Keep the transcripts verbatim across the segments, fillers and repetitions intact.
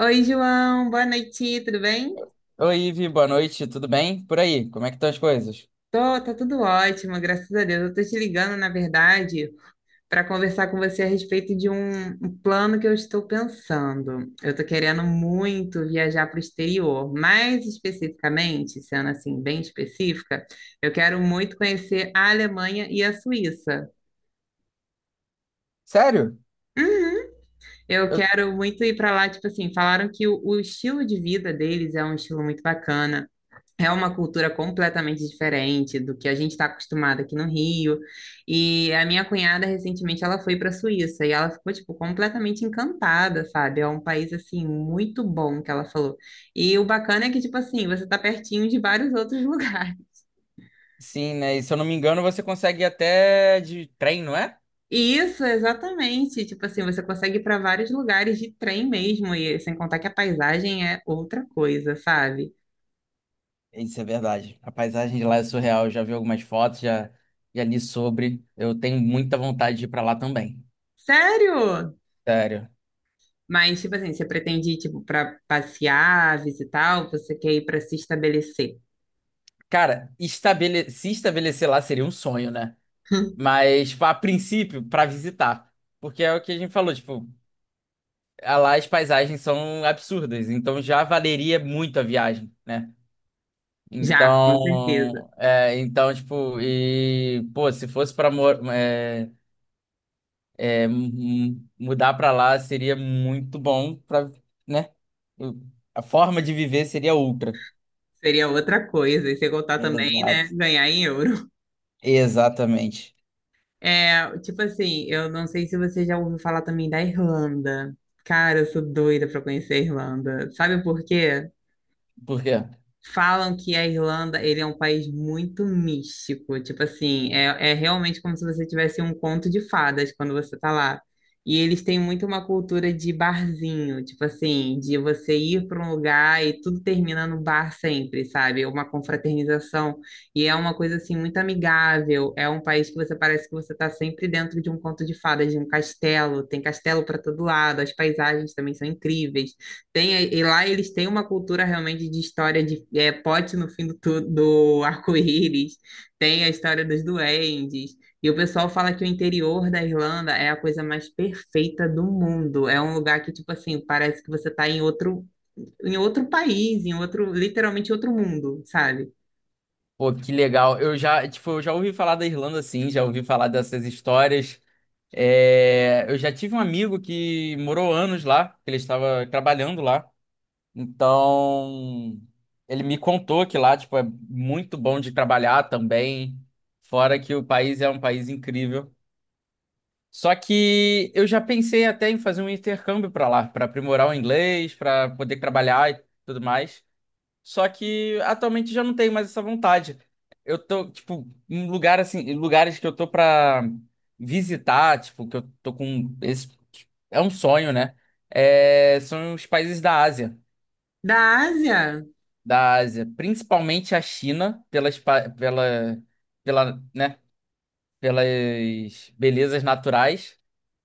Oi, João, boa noite, tudo bem? Oi, Ivi, boa noite, tudo bem? Por aí, como é que estão as coisas? Tô, tá tudo ótimo, graças a Deus. Eu tô te ligando, na verdade, para conversar com você a respeito de um, um plano que eu estou pensando. Eu tô querendo muito viajar para o exterior, mais especificamente, sendo assim bem específica, eu quero muito conhecer a Alemanha e a Suíça. Sério? Uhum. Eu Eu... quero muito ir para lá, tipo assim, falaram que o, o estilo de vida deles é um estilo muito bacana. É uma cultura completamente diferente do que a gente está acostumado aqui no Rio. E a minha cunhada, recentemente, ela foi para a Suíça e ela ficou, tipo, completamente encantada, sabe? É um país, assim, muito bom, que ela falou. E o bacana é que, tipo assim, você está pertinho de vários outros lugares. Sim, né? E se eu não me engano, você consegue ir até de trem, não é? E Isso, exatamente. Tipo assim, você consegue ir para vários lugares de trem mesmo, e sem contar que a paisagem é outra coisa, sabe? Isso é verdade. A paisagem de lá é surreal. Eu já vi algumas fotos, já, já li sobre. Eu tenho muita vontade de ir pra lá também. Sério? Sério. Mas, tipo assim, você pretende ir, tipo, para passear, visitar, ou você quer ir para se estabelecer? Cara, estabele... se estabelecer lá seria um sonho, né? Mas, tipo, a princípio, pra visitar. Porque é o que a gente falou, tipo, lá as paisagens são absurdas. Então já valeria muito a viagem, né? Já, com certeza. Então, é, então, tipo, e, pô, se fosse pra mor- é, é, mu- mudar pra lá, seria muito bom pra, né? O- A forma de viver seria outra. Seria outra coisa. E você contar também, né? Exato. Ganhar em euro. Exatamente. É, tipo assim, eu não sei se você já ouviu falar também da Irlanda. Cara, eu sou doida pra conhecer a Irlanda. Sabe por quê? Por quê? Falam que a Irlanda, ele é um país muito místico, tipo assim, é, é realmente como se você tivesse um conto de fadas quando você tá lá. E eles têm muito uma cultura de barzinho, tipo assim, de você ir para um lugar e tudo termina no bar sempre, sabe? É Uma confraternização. E é uma coisa assim muito amigável. É um país que você parece que você tá sempre dentro de um conto de fadas, de um castelo. Tem castelo para todo lado, as paisagens também são incríveis. Tem, e lá eles têm uma cultura realmente de história de é, pote no fim do, tu- do arco-íris, tem a história dos duendes, e o pessoal fala que o interior da Irlanda é a coisa mais perfeita do mundo. É um lugar que, tipo assim, parece que você está em outro, em outro país, em outro, literalmente outro mundo, sabe? Pô, que legal. Eu já, tipo, eu já ouvi falar da Irlanda, assim já ouvi falar dessas histórias. É, eu já tive um amigo que morou anos lá, que ele estava trabalhando lá. Então, ele me contou que lá, tipo, é muito bom de trabalhar também, fora que o país é um país incrível. Só que eu já pensei até em fazer um intercâmbio para lá, para aprimorar o inglês, para poder trabalhar e tudo mais. Só que atualmente já não tenho mais essa vontade. Eu tô, tipo, em lugar assim, em lugares que eu tô para visitar, tipo, que eu tô com esse é um sonho, né? É, são os países da Ásia. Da Ásia? Da Ásia, principalmente a China, pelas, pa- pela, pela, né, pelas belezas naturais,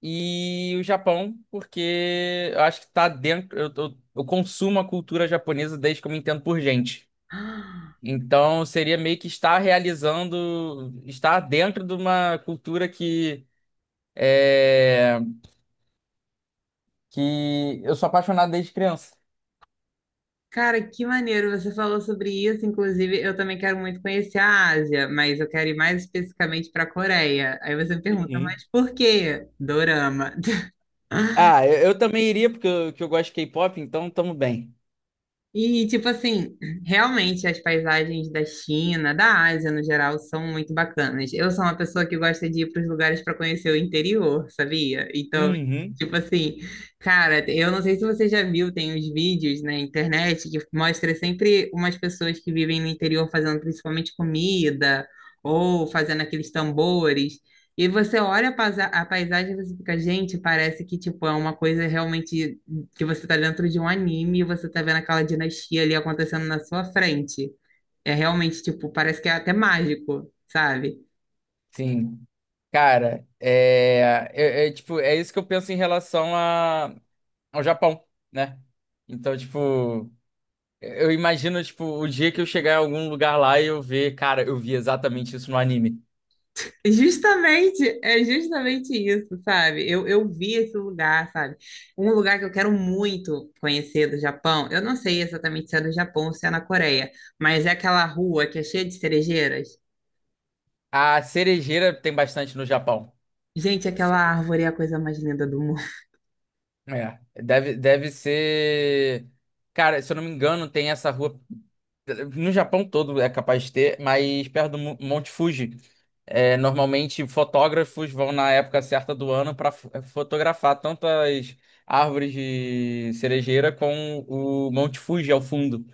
e o Japão, porque eu acho que tá dentro. Eu, eu, eu consumo a cultura japonesa desde que eu me entendo por gente. Então seria meio que estar realizando, estar dentro de uma cultura que é, que eu sou apaixonado desde criança. Cara, que maneiro você falou sobre isso. Inclusive, eu também quero muito conhecer a Ásia, mas eu quero ir mais especificamente para a Coreia. Aí você me pergunta, Uhum. mas por quê? Dorama. Ah, eu, eu também iria porque eu, que eu gosto de K-pop, então tamo bem. E, tipo assim, realmente as paisagens da China, da Ásia no geral, são muito bacanas. Eu sou uma pessoa que gosta de ir para os lugares para conhecer o interior, sabia? Então, Uhum. tipo assim, cara, eu não sei se você já viu, tem os vídeos na internet que mostra sempre umas pessoas que vivem no interior fazendo principalmente comida ou fazendo aqueles tambores. E você olha a paisa- a paisagem e você fica, gente, parece que tipo é uma coisa realmente que você tá dentro de um anime e você tá vendo aquela dinastia ali acontecendo na sua frente. É realmente, tipo, parece que é até mágico, sabe? Sim. Cara, é, é, é, tipo, é isso que eu penso em relação a, ao Japão, né? Então, tipo, eu imagino, tipo, o dia que eu chegar em algum lugar lá e eu ver, cara, eu vi exatamente isso no anime. Justamente, é justamente isso, sabe? Eu, eu vi esse lugar, sabe? Um lugar que eu quero muito conhecer do Japão. Eu não sei exatamente se é do Japão ou se é na Coreia, mas é aquela rua que é cheia de cerejeiras. A cerejeira tem bastante no Japão. Gente, aquela Se- árvore é a coisa mais linda do mundo. É, deve, deve ser. Cara, se eu não me engano, tem essa rua. No Japão todo é capaz de ter, mas perto do Mo- Monte Fuji. É, normalmente fotógrafos vão na época certa do ano para fotografar tanto as árvores de cerejeira com o Monte Fuji ao fundo.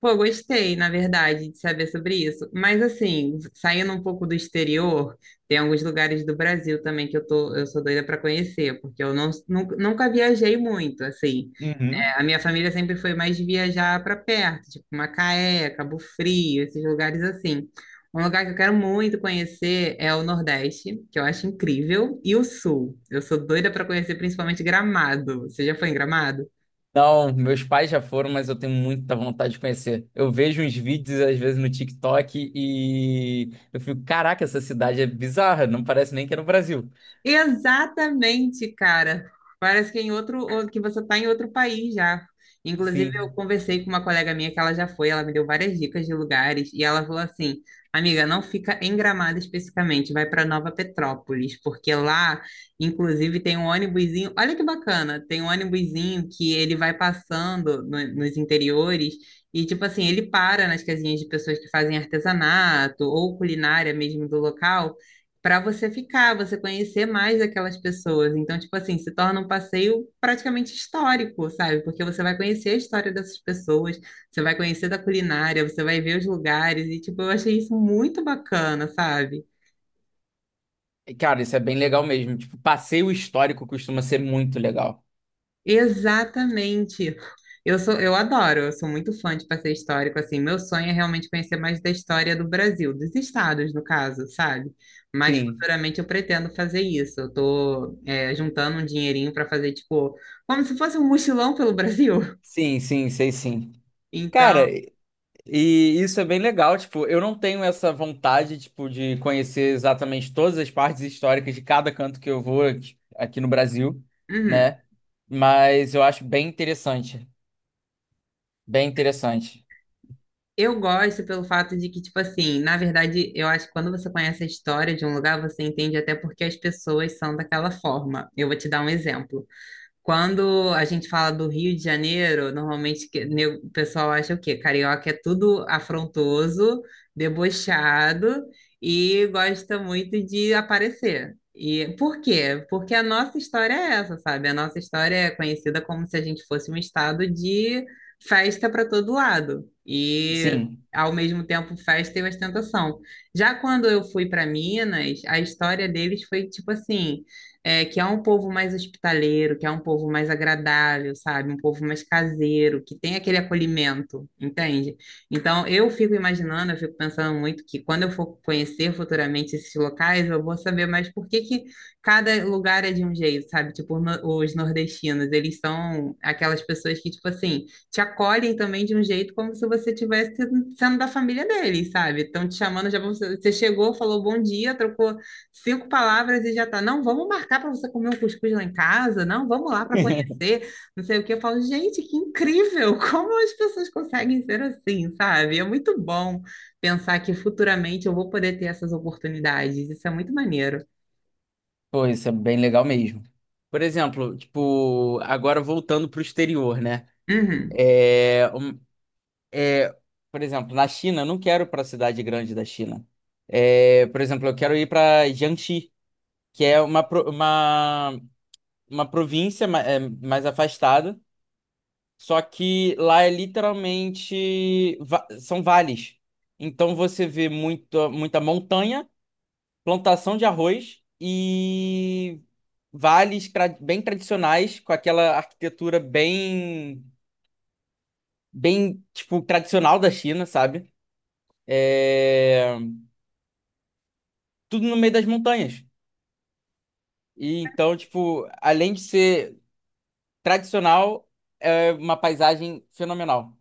Pô, gostei, na verdade, de saber sobre isso. Mas assim, saindo um pouco do exterior, tem alguns lugares do Brasil também que eu tô, eu sou doida para conhecer, porque eu não, nunca, nunca viajei muito, assim. Uhum. É, A minha família sempre foi mais de viajar para perto, tipo Macaé, Cabo Frio, esses lugares assim. Um lugar que eu quero muito conhecer é o Nordeste, que eu acho incrível, e o Sul. Eu sou doida para conhecer principalmente Gramado. Você já foi em Gramado? Não, meus pais já foram, mas eu tenho muita vontade de conhecer. Eu vejo uns vídeos, às vezes, no TikTok e eu fico, caraca, essa cidade é bizarra, não parece nem que é no Brasil. Exatamente, cara. Parece que em outro, ou- que você está em outro país já. Inclusive, eu Sim. conversei com uma colega minha que ela já foi, ela me deu várias dicas de lugares e ela falou assim: "Amiga, não fica em Gramado especificamente, vai para Nova Petrópolis, porque lá, inclusive, tem um ônibusinho. Olha que bacana, tem um ônibusinho que ele vai passando no- nos interiores e tipo assim, ele para nas casinhas de pessoas que fazem artesanato ou culinária mesmo do local para você ficar, você conhecer mais aquelas pessoas. Então, tipo assim, se torna um passeio praticamente histórico, sabe? Porque você vai conhecer a história dessas pessoas, você vai conhecer da culinária, você vai ver os lugares, e tipo, eu achei isso muito bacana, sabe? E, cara, isso é bem legal mesmo. Tipo, passeio histórico costuma ser muito legal. Exatamente. Eu sou, eu adoro, eu sou muito fã de passeio histórico, assim, meu sonho é realmente conhecer mais da história do Brasil, dos estados, no caso, sabe? Mas Sim, futuramente eu pretendo fazer isso. Eu tô, é, juntando um dinheirinho para fazer, tipo, como se fosse um mochilão pelo Brasil. sim, sim, sei sim. Então, Cara, e isso é bem legal, tipo, eu não tenho essa vontade, tipo, de conhecer exatamente todas as partes históricas de cada canto que eu vou aqui aqui no Brasil, uhum. né? Mas eu acho bem interessante, bem interessante. Eu gosto pelo fato de que, tipo assim, na verdade, eu acho que quando você conhece a história de um lugar, você entende até porque as pessoas são daquela forma. Eu vou te dar um exemplo. Quando a gente fala do Rio de Janeiro, normalmente que- ne- o pessoal acha o quê? Carioca é tudo afrontoso, debochado e gosta muito de aparecer. E por quê? Porque a nossa história é essa, sabe? A nossa história é conhecida como se a gente fosse um estado de festa para todo lado. E Sim, ao mesmo tempo festa e ostentação. Já quando eu fui para Minas, a história deles foi tipo assim, é, que é um povo mais hospitaleiro, que é um povo mais agradável, sabe? Um povo mais caseiro, que tem aquele acolhimento, entende? Então, eu fico imaginando, eu fico pensando muito que quando eu for conhecer futuramente esses locais, eu vou saber mais por que que cada lugar é de um jeito, sabe? Tipo, no- os nordestinos, eles são aquelas pessoas que, tipo assim, te acolhem também de um jeito como se você tivesse sendo da família deles, sabe? Estão te chamando, já vão- você chegou, falou bom dia, trocou Cinco palavras e já tá. Não, vamos marcar para você comer um cuscuz lá em casa. Não, vamos lá para conhecer. Não sei o que. Eu falo, gente, que incrível! Como as pessoas conseguem ser assim, sabe? É muito bom pensar que futuramente eu vou poder ter essas oportunidades. Isso é muito maneiro. pô, isso é bem legal mesmo. Por exemplo, tipo, agora voltando pro exterior, né? Uhum. É, um- é, por exemplo, na China, eu não quero para a cidade grande da China. É, por exemplo, eu quero ir para Jiangxi, que é uma, pro- uma uma província ma- é, mais afastada, só que lá é literalmente va- são vales. Então você vê muito, muita montanha, plantação de arroz e vales tra- bem tradicionais, com aquela arquitetura bem, bem tipo tradicional da China, sabe? É, tudo no meio das montanhas. E então, tipo, além de ser tradicional, é uma paisagem fenomenal.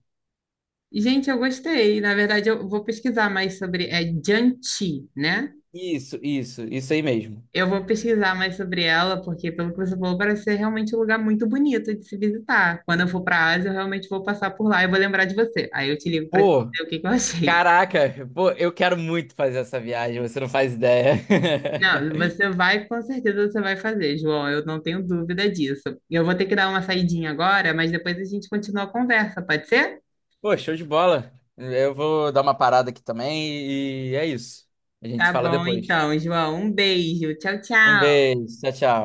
Gente, eu gostei. Na verdade, eu vou pesquisar mais sobre. É Jiangxi, né? Isso, isso, isso aí mesmo. Eu vou pesquisar mais sobre ela, porque pelo que você falou, parece ser realmente um lugar muito bonito de se visitar. Quando eu for para a Ásia, eu realmente vou passar por lá e vou lembrar de você. Aí eu te ligo para te Pô, dizer o que que eu achei. caraca, pô, eu quero muito fazer essa viagem, você não faz ideia. Não, você vai, com certeza você vai fazer, João. Eu não tenho dúvida disso. Eu vou ter que dar uma saidinha agora, mas depois a gente continua a conversa, pode ser? Pô, show de bola. Eu vou dar uma parada aqui também e é isso. A gente Tá se fala bom, depois. então, João. Um beijo. Tchau, Um tchau. beijo, tchau, tchau.